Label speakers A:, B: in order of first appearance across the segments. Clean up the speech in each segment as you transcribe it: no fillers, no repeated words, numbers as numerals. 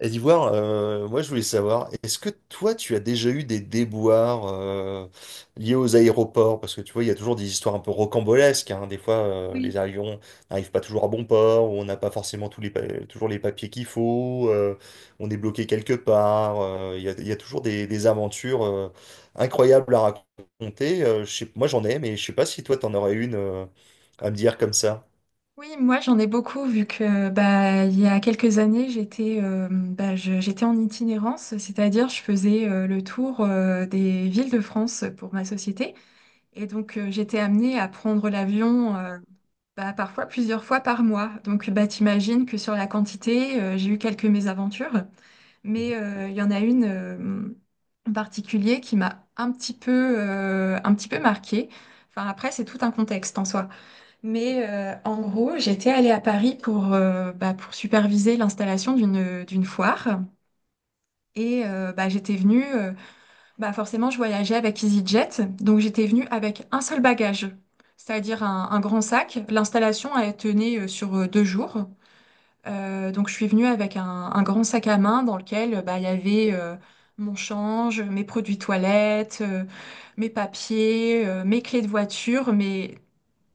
A: Et d'Ivoire, moi je voulais savoir, est-ce que toi tu as déjà eu des déboires liés aux aéroports? Parce que tu vois, il y a toujours des histoires un peu rocambolesques, hein. Des fois,
B: Oui,
A: les avions n'arrivent pas toujours à bon port, ou on n'a pas forcément tous les toujours les papiers qu'il faut, on est bloqué quelque part. Il y a toujours des aventures incroyables à raconter. Moi j'en ai, mais je sais pas si toi t'en aurais une à me dire comme ça.
B: oui, moi j'en ai beaucoup vu que bah, il y a quelques années j'étais bah, j'étais en itinérance, c'est-à-dire je faisais le tour des villes de France pour ma société et donc j'étais amenée à prendre l'avion bah, parfois plusieurs fois par mois. Donc bah, t'imagines que sur la quantité j'ai eu quelques mésaventures.
A: Mhm.
B: Mais il y en a une en particulier qui m'a un petit peu marquée. Enfin, après, c'est tout un contexte en soi. Mais en gros, j'étais allée à Paris pour, bah, pour superviser l'installation d'une foire. Et bah, j'étais venue, bah, forcément, je voyageais avec EasyJet. Donc j'étais venue avec un seul bagage, c'est-à-dire un grand sac. L'installation, elle tenait sur 2 jours. Donc je suis venue avec un grand sac à main dans lequel bah, il y avait mon change, mes produits toilettes, mes papiers, mes clés de voiture, mais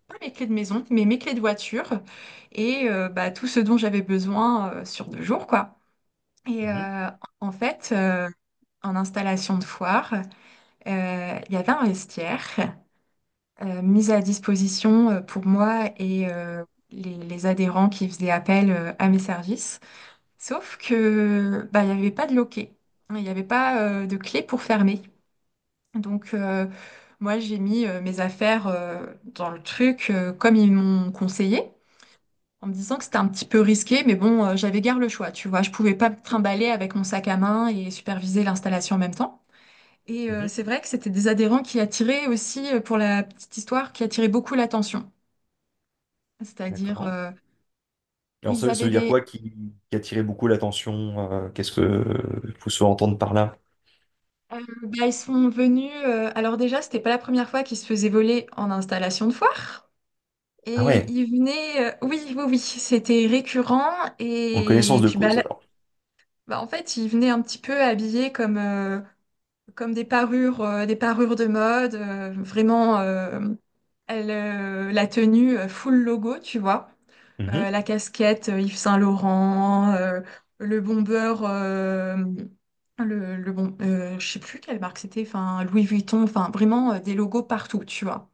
B: pas mes clés de maison, mais mes clés de voiture et bah, tout ce dont j'avais besoin sur 2 jours, quoi. Et
A: Mhm.
B: en fait, en installation de foire, il y avait un vestiaire mis à disposition pour moi et les adhérents qui faisaient appel à mes services. Sauf que bah, il n'y avait pas de loquet, il n'y avait pas de clé pour fermer. Donc moi, j'ai mis mes affaires dans le truc comme ils m'ont conseillé, en me disant que c'était un petit peu risqué, mais bon, j'avais guère le choix, tu vois. Je pouvais pas me trimballer avec mon sac à main et superviser l'installation en même temps. Et
A: Mhm.
B: c'est vrai que c'était des adhérents qui attiraient aussi, pour la petite histoire, qui attiraient beaucoup l'attention. C'est-à-dire,
A: D'accord. Alors,
B: ils
A: ça
B: avaient
A: veut dire
B: des...
A: qui a attiré beaucoup l'attention? Qu'est-ce que il faut se entendre par là?
B: bah, ils sont venus... alors déjà, c'était pas la première fois qu'ils se faisaient voler en installation de foire.
A: Ah
B: Et
A: ouais,
B: ils venaient... oui, oui, oui, c'était récurrent.
A: en connaissance
B: Et,
A: de
B: puis, bah,
A: cause, alors.
B: bah, en fait, ils venaient un petit peu habillés comme des parures, des parures de mode, vraiment elle, la tenue full logo, tu vois.
A: Mhm.
B: La casquette Yves Saint Laurent, le bomber, le bon, je sais plus quelle marque c'était, enfin Louis Vuitton, enfin vraiment des logos partout, tu vois.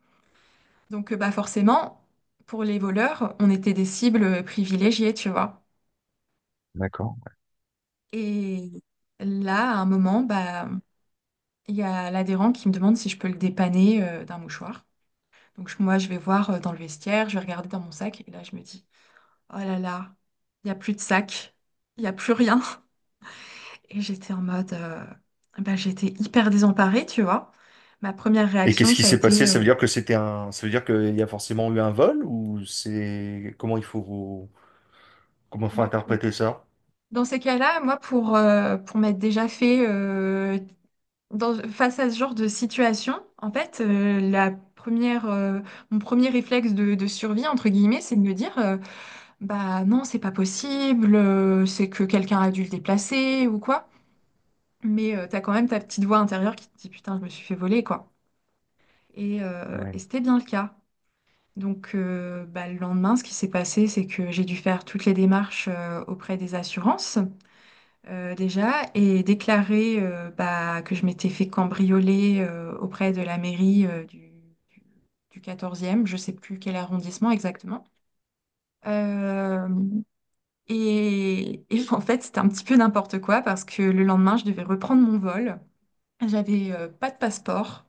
B: Donc bah forcément, pour les voleurs, on était des cibles privilégiées, tu vois.
A: D'accord.
B: Et là, à un moment, bah il y a l'adhérent qui me demande si je peux le dépanner d'un mouchoir. Donc moi, je vais voir dans le vestiaire, je vais regarder dans mon sac, et là, je me dis, oh là là, il n'y a plus de sac, il n'y a plus rien. Et j'étais en mode, bah, j'étais hyper désemparée, tu vois. Ma première
A: Et
B: réaction,
A: qu'est-ce qui
B: ça a
A: s'est passé?
B: été,
A: Ça
B: euh,
A: veut dire que ça veut dire qu'il y a forcément eu un vol, ou c'est comment faut
B: Bah,
A: interpréter ça?
B: dans ces cas-là, moi, pour m'être déjà fait face à ce genre de situation, en fait, mon premier réflexe de survie, entre guillemets, c'est de me dire, bah non, c'est pas possible, c'est que quelqu'un a dû le déplacer ou quoi. Mais t'as quand même ta petite voix intérieure qui te dit putain, je me suis fait voler quoi. Et,
A: Et
B: euh,
A: ouais.
B: et c'était bien le cas. Donc bah, le lendemain, ce qui s'est passé, c'est que j'ai dû faire toutes les démarches auprès des assurances déjà et déclarer bah, que je m'étais fait cambrioler auprès de la mairie du 14e, je sais plus quel arrondissement exactement. Euh, et, en fait, c'était un petit peu n'importe quoi parce que le lendemain, je devais reprendre mon vol. J'avais pas de passeport,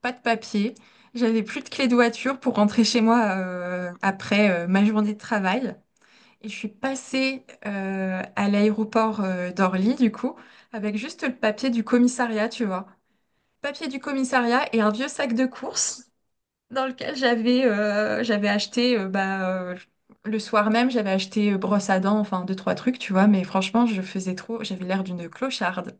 B: pas de papier, j'avais plus de clé de voiture pour rentrer chez moi après ma journée de travail. Et je suis passée à l'aéroport d'Orly, du coup, avec juste le papier du commissariat, tu vois. Papier du commissariat et un vieux sac de courses dans lequel j'avais j'avais acheté le soir même, j'avais acheté brosse à dents, enfin deux, trois trucs, tu vois, mais franchement, je faisais trop, j'avais l'air d'une clocharde.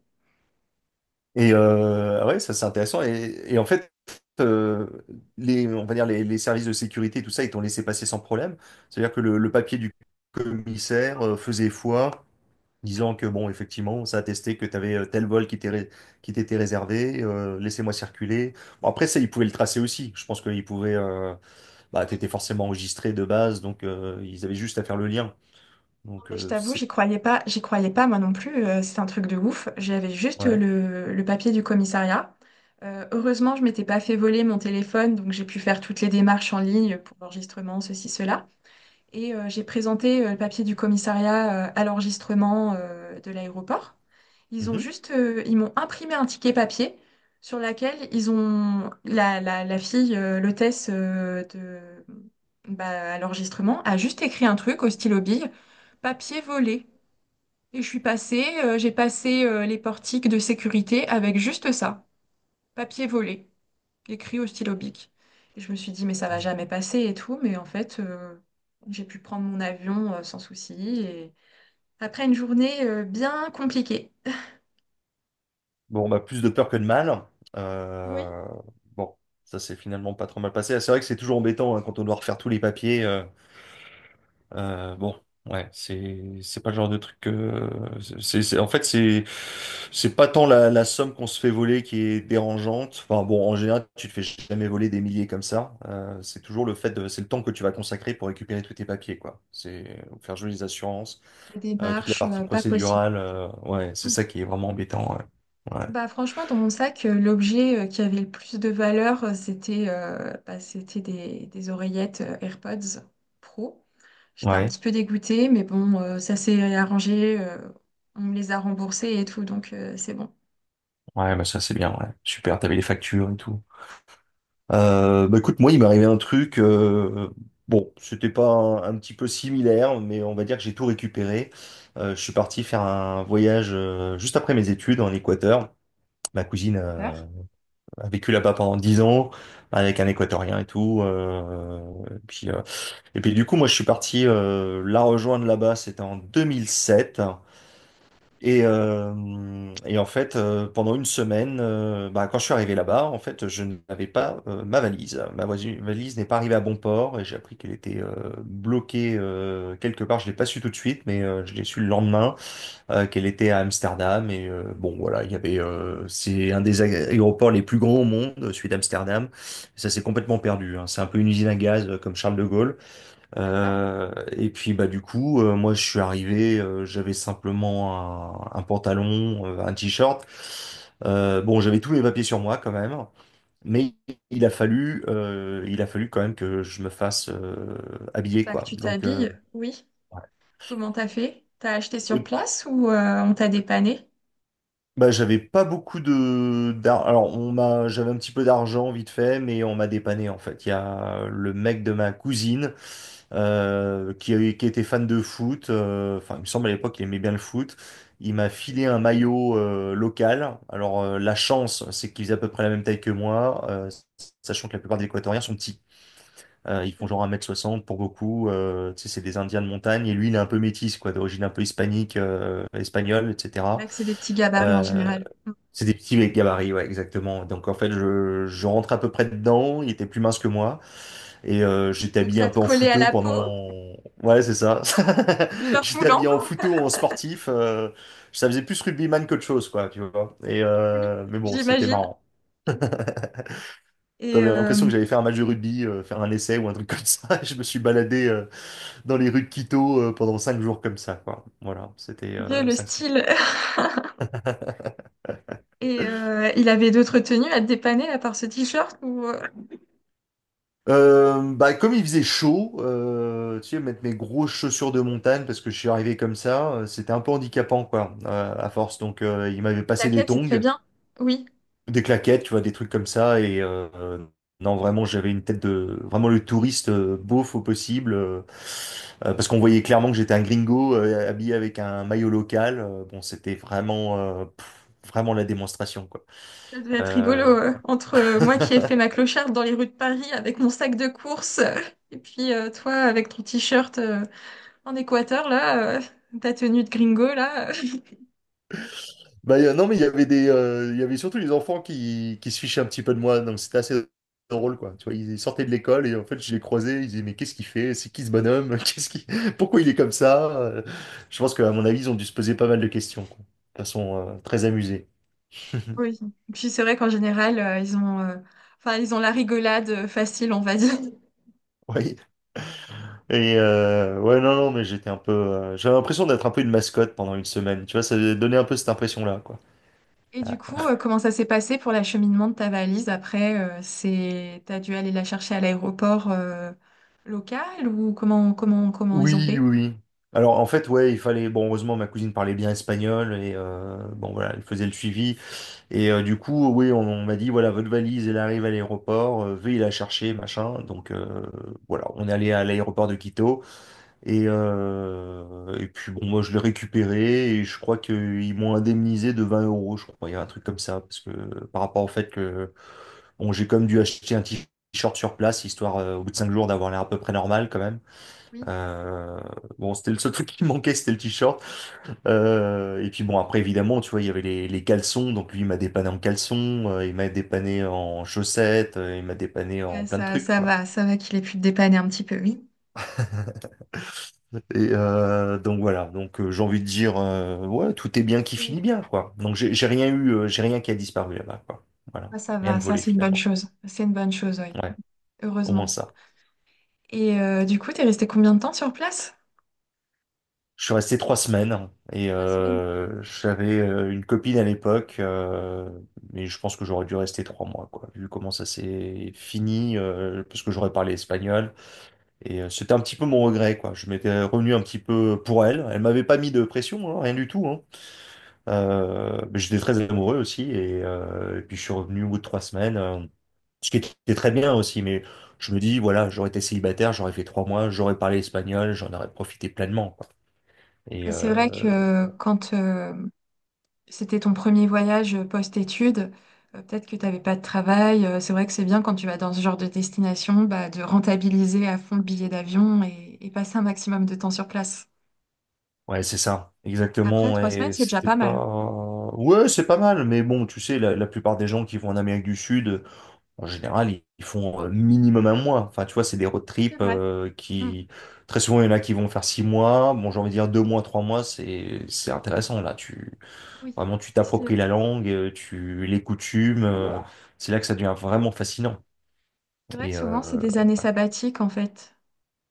A: Et ouais, ça c'est intéressant. Et en fait, euh, on va dire les services de sécurité et tout ça, ils t'ont laissé passer sans problème. C'est-à-dire que le papier du commissaire faisait foi,
B: Oui,
A: disant que bon, effectivement, ça attestait que tu avais tel vol qui qui t'était réservé, laissez-moi circuler. Bon, après ça, ils pouvaient le tracer aussi. Je pense qu'ils pouvaient, bah,
B: oui.
A: t'étais forcément enregistré de base, donc ils avaient juste à faire le lien.
B: Non,
A: Donc
B: mais je t'avoue,
A: c'est
B: j'y croyais pas moi non plus, c'est un truc de ouf. J'avais juste
A: Ouais.
B: le papier du commissariat. Heureusement, je m'étais pas fait voler mon téléphone, donc j'ai pu faire toutes les démarches en ligne pour l'enregistrement, ceci, cela. Et j'ai présenté le papier du commissariat à l'enregistrement de l'aéroport.
A: Mhm.
B: Ils m'ont imprimé un ticket papier sur laquelle ils ont la fille, l'hôtesse à l'enregistrement a juste écrit un truc au stylo bille, papier volé. Et j'ai passé les portiques de sécurité avec juste ça, papier volé écrit au stylo bic. Et je me suis dit, mais ça va jamais passer et tout. Mais en fait, j'ai pu prendre mon avion sans souci. Et après une journée bien compliquée.
A: Bon, bah, plus de peur que de mal.
B: Oui.
A: Euh, bon, ça s'est finalement pas trop mal passé. Ah, c'est vrai que c'est toujours embêtant hein, quand on doit refaire tous les papiers. Bon, ouais, c'est pas le genre de truc en fait c'est pas tant la somme qu'on se fait voler qui est dérangeante. Enfin bon, en général, tu te fais jamais voler des milliers comme ça. C'est toujours le fait de c'est le temps que tu vas consacrer pour récupérer tous tes papiers quoi. C'est faire jouer les assurances,
B: Des
A: toute la
B: démarches
A: partie
B: pas possibles.
A: procédurale. Ouais, c'est
B: Mm.
A: ça qui est vraiment embêtant. Ouais. Ouais.
B: Bah, franchement, dans mon sac, l'objet qui avait le plus de valeur, c'était c'était des oreillettes AirPods Pro. J'étais un
A: Ouais.
B: petit peu dégoûtée, mais bon, ça s'est arrangé, on me les a remboursés et tout, donc c'est bon.
A: Ouais, bah ça c'est bien, ouais. Super, t'avais les factures et tout. Bah écoute, moi, il m'est arrivé un truc. Bon, c'était pas un, un petit peu similaire, mais on va dire que j'ai tout récupéré. Je suis parti faire un voyage juste après mes études en Équateur. Ma cousine
B: Super.
A: a vécu là-bas pendant 10 ans avec un Équatorien et tout. Et puis, euh, et puis du coup, moi, je suis parti la rejoindre là-bas. C'était en 2007. Et en fait, pendant une semaine, bah, quand je suis arrivé là-bas, en fait, je n'avais pas ma valise. Ma valise n'est pas arrivée à bon port et j'ai appris qu'elle était bloquée quelque part. Je l'ai pas su tout de suite, mais je l'ai su le lendemain qu'elle était à Amsterdam. Et bon, voilà, il y avait, c'est un des aéroports les plus grands au monde, celui d'Amsterdam. Ça s'est complètement perdu, hein. C'est un peu une usine à gaz comme Charles de Gaulle.
B: D'accord.
A: Et puis bah du coup, moi je suis arrivé, j'avais simplement un pantalon, un t-shirt. Bon, j'avais tous les papiers sur moi quand même, mais il a fallu quand même que je me fasse habiller
B: Bah, que
A: quoi.
B: tu
A: Donc,
B: t'habilles, oui. Comment t'as fait? T'as acheté sur
A: ouais.
B: place ou on t'a dépanné?
A: Bah, j'avais pas beaucoup alors on m'a j'avais un petit peu d'argent vite fait mais on m'a dépanné en fait. Il y a le mec de ma cousine qui était fan de foot enfin il me semble à l'époque il aimait bien le foot. Il m'a filé un maillot local. Alors la chance c'est qu'il faisait à peu près la même taille que moi sachant que la plupart des Équatoriens sont petits. Ils font
B: C'est
A: genre 1,60 mètre pour beaucoup. Tu sais, c'est des Indiens de montagne. Et lui, il est un peu métis, quoi, d'origine un peu hispanique, espagnole, etc.
B: vrai que c'est des petits gabarits en
A: Euh,
B: général.
A: c'est des petits gabarits, ouais, exactement. Donc en fait, je rentre à peu près dedans. Il était plus mince que moi. Et j'étais
B: Donc
A: habillé
B: ça
A: un
B: te
A: peu en
B: collait à
A: fouteux
B: la peau,
A: pendant… Ouais, c'est ça.
B: short
A: J'étais
B: moulant,
A: habillé en fouteux, en sportif. Ça faisait plus rugbyman qu'autre chose, quoi, tu vois.
B: oui,
A: Mais bon, c'était
B: j'imagine.
A: marrant.
B: Et
A: J'avais l'impression que j'allais faire un match de rugby, faire un essai ou un truc comme ça. Je me suis baladé dans les rues de Quito pendant 5 jours comme ça, quoi. Voilà, c'était
B: Dieu, le
A: ça.
B: style. Et il avait d'autres tenues à te dépanner à part ce t-shirt ou
A: Bah, comme il faisait chaud, tu sais, mettre mes grosses chaussures de montagne parce que je suis arrivé comme ça, c'était un peu handicapant, quoi, à force. Donc, il m'avait passé des
B: t'inquiète, c'est très
A: tongs.
B: bien. Oui,
A: Des claquettes, tu vois, des trucs comme ça. Non, vraiment, j'avais une tête de vraiment le touriste beauf au possible, parce qu'on voyait clairement que j'étais un gringo habillé avec un maillot local. Bon, c'était vraiment, pff, vraiment la démonstration, quoi.
B: ça devait être rigolo
A: Euh,
B: entre moi qui ai fait ma clocharde dans les rues de Paris avec mon sac de course et puis toi avec ton t-shirt en Équateur là, ta tenue de gringo là.
A: Non, mais il y avait il y avait surtout les enfants qui se fichaient un petit peu de moi, donc c'était assez drôle, quoi. Tu vois, ils sortaient de l'école et en fait, je les croisais, ils disaient, mais qu'est-ce qu'il fait? C'est qui ce bonhomme? Pourquoi il est comme ça? Je pense qu'à mon avis, ils ont dû se poser pas mal de questions, quoi. De façon, très amusée.
B: Oui. Puis c'est vrai qu'en général, enfin, ils ont la rigolade facile, on va dire.
A: Oui. Et ouais, non, non, mais j'étais un peu, j'avais l'impression d'être un peu une mascotte pendant une semaine. Tu vois, ça donnait un peu cette impression-là, quoi.
B: Et du coup, comment ça s'est passé pour l'acheminement de ta valise après, t'as dû aller la chercher à l'aéroport, local ou comment ils ont
A: Oui, oui,
B: fait?
A: oui. Alors en fait, ouais, il fallait. Bon, heureusement, ma cousine parlait bien espagnol et bon voilà, elle faisait le suivi. Et du coup, oui, on m'a dit voilà, votre valise, elle arrive à l'aéroport, veuillez la chercher, machin. Donc voilà, on est allé à l'aéroport de Quito et puis bon, moi je l'ai récupéré et je crois qu'ils m'ont indemnisé de 20 euros, je crois, il y a un truc comme ça parce que par rapport au fait que bon, j'ai comme dû acheter un t-shirt sur place histoire au bout de 5 jours d'avoir l'air à peu près normal quand même.
B: Oui.
A: Euh, bon, c'était le seul truc qui manquait, c'était le t-shirt. Et puis bon, après, évidemment, tu vois, il y avait les caleçons. Donc lui, il m'a dépanné en caleçon, il m'a dépanné en chaussettes, il m'a dépanné en
B: Ouais,
A: plein de trucs, quoi.
B: ça va qu'il ait pu te dépanner un petit peu, oui.
A: Et donc voilà, donc j'ai envie de dire, ouais, tout est bien qui
B: Et
A: finit bien, quoi. Donc j'ai rien eu, j'ai rien qui a disparu là-bas, quoi. Voilà,
B: ça
A: rien de
B: va, ça
A: volé
B: c'est une bonne
A: finalement.
B: chose. C'est une bonne chose, oui.
A: Ouais, au moins
B: Heureusement.
A: ça.
B: Et du coup, t'es resté combien de temps sur place?
A: Je suis resté 3 semaines et
B: 3 semaines.
A: j'avais une copine à l'époque, mais je pense que j'aurais dû rester 3 mois, quoi, vu comment ça s'est fini, parce que j'aurais parlé espagnol. Et c'était un petit peu mon regret, quoi. Je m'étais revenu un petit peu pour elle. Elle m'avait pas mis de pression, hein, rien du tout, hein. Mais j'étais très amoureux aussi, et puis je suis revenu au bout de 3 semaines, ce qui était très bien aussi, mais je me dis, voilà, j'aurais été célibataire, j'aurais fait 3 mois, j'aurais parlé espagnol, j'en aurais profité pleinement, quoi. Et,
B: C'est vrai que c'était ton premier voyage post-études. Peut-être que tu n'avais pas de travail. C'est vrai que c'est bien quand tu vas dans ce genre de destination, bah, de rentabiliser à fond le billet d'avion et passer un maximum de temps sur place.
A: ouais, c'est ça,
B: Après,
A: exactement.
B: 3 semaines,
A: Et
B: c'est déjà
A: c'était
B: pas mal.
A: pas. Ouais, c'est pas mal, mais bon, tu sais, la plupart des gens qui vont en Amérique du Sud, en général, ils font minimum 1 mois. Enfin, tu vois, c'est des road
B: C'est
A: trips
B: vrai. Mm.
A: qui. Très souvent, il y en a qui vont faire 6 mois. Bon, j'ai envie de dire 2 mois, 3 mois, c'est intéressant, là. Tu…
B: Oui.
A: Vraiment, tu
B: C'est
A: t'appropries la langue, tu les coutumes. C'est là que ça devient vraiment fascinant.
B: c'est vrai que
A: Et
B: souvent, c'est des années sabbatiques, en fait.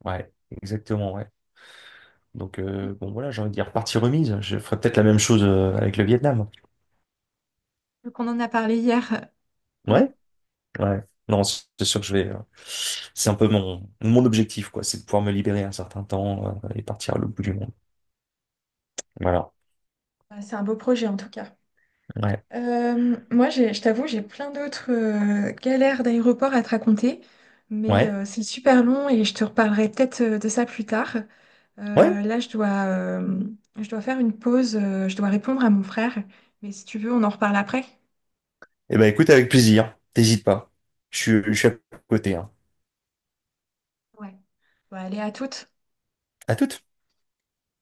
A: ouais, exactement, ouais. Donc,
B: Mm.
A: bon, voilà, j'ai envie de dire partie remise. Je ferais peut-être la même chose avec le Vietnam.
B: Donc, on en a parlé hier. Mm.
A: Ouais. Ouais. Non, c'est sûr que je vais. C'est un peu mon objectif, quoi. C'est de pouvoir me libérer un certain temps et partir à l'autre bout du monde. Voilà.
B: Bah, c'est un beau projet, en tout cas.
A: Ouais.
B: Moi, je t'avoue, j'ai plein d'autres galères d'aéroport à te raconter, mais
A: Ouais.
B: c'est super long et je te reparlerai peut-être de ça plus tard.
A: Ouais.
B: Là, je dois faire une pause, je dois répondre à mon frère, mais si tu veux, on en reparle après.
A: Eh ben, écoute, avec plaisir. T'hésites pas. Je suis à côté, hein.
B: Ouais. Bon, allez, à toutes.
A: À tout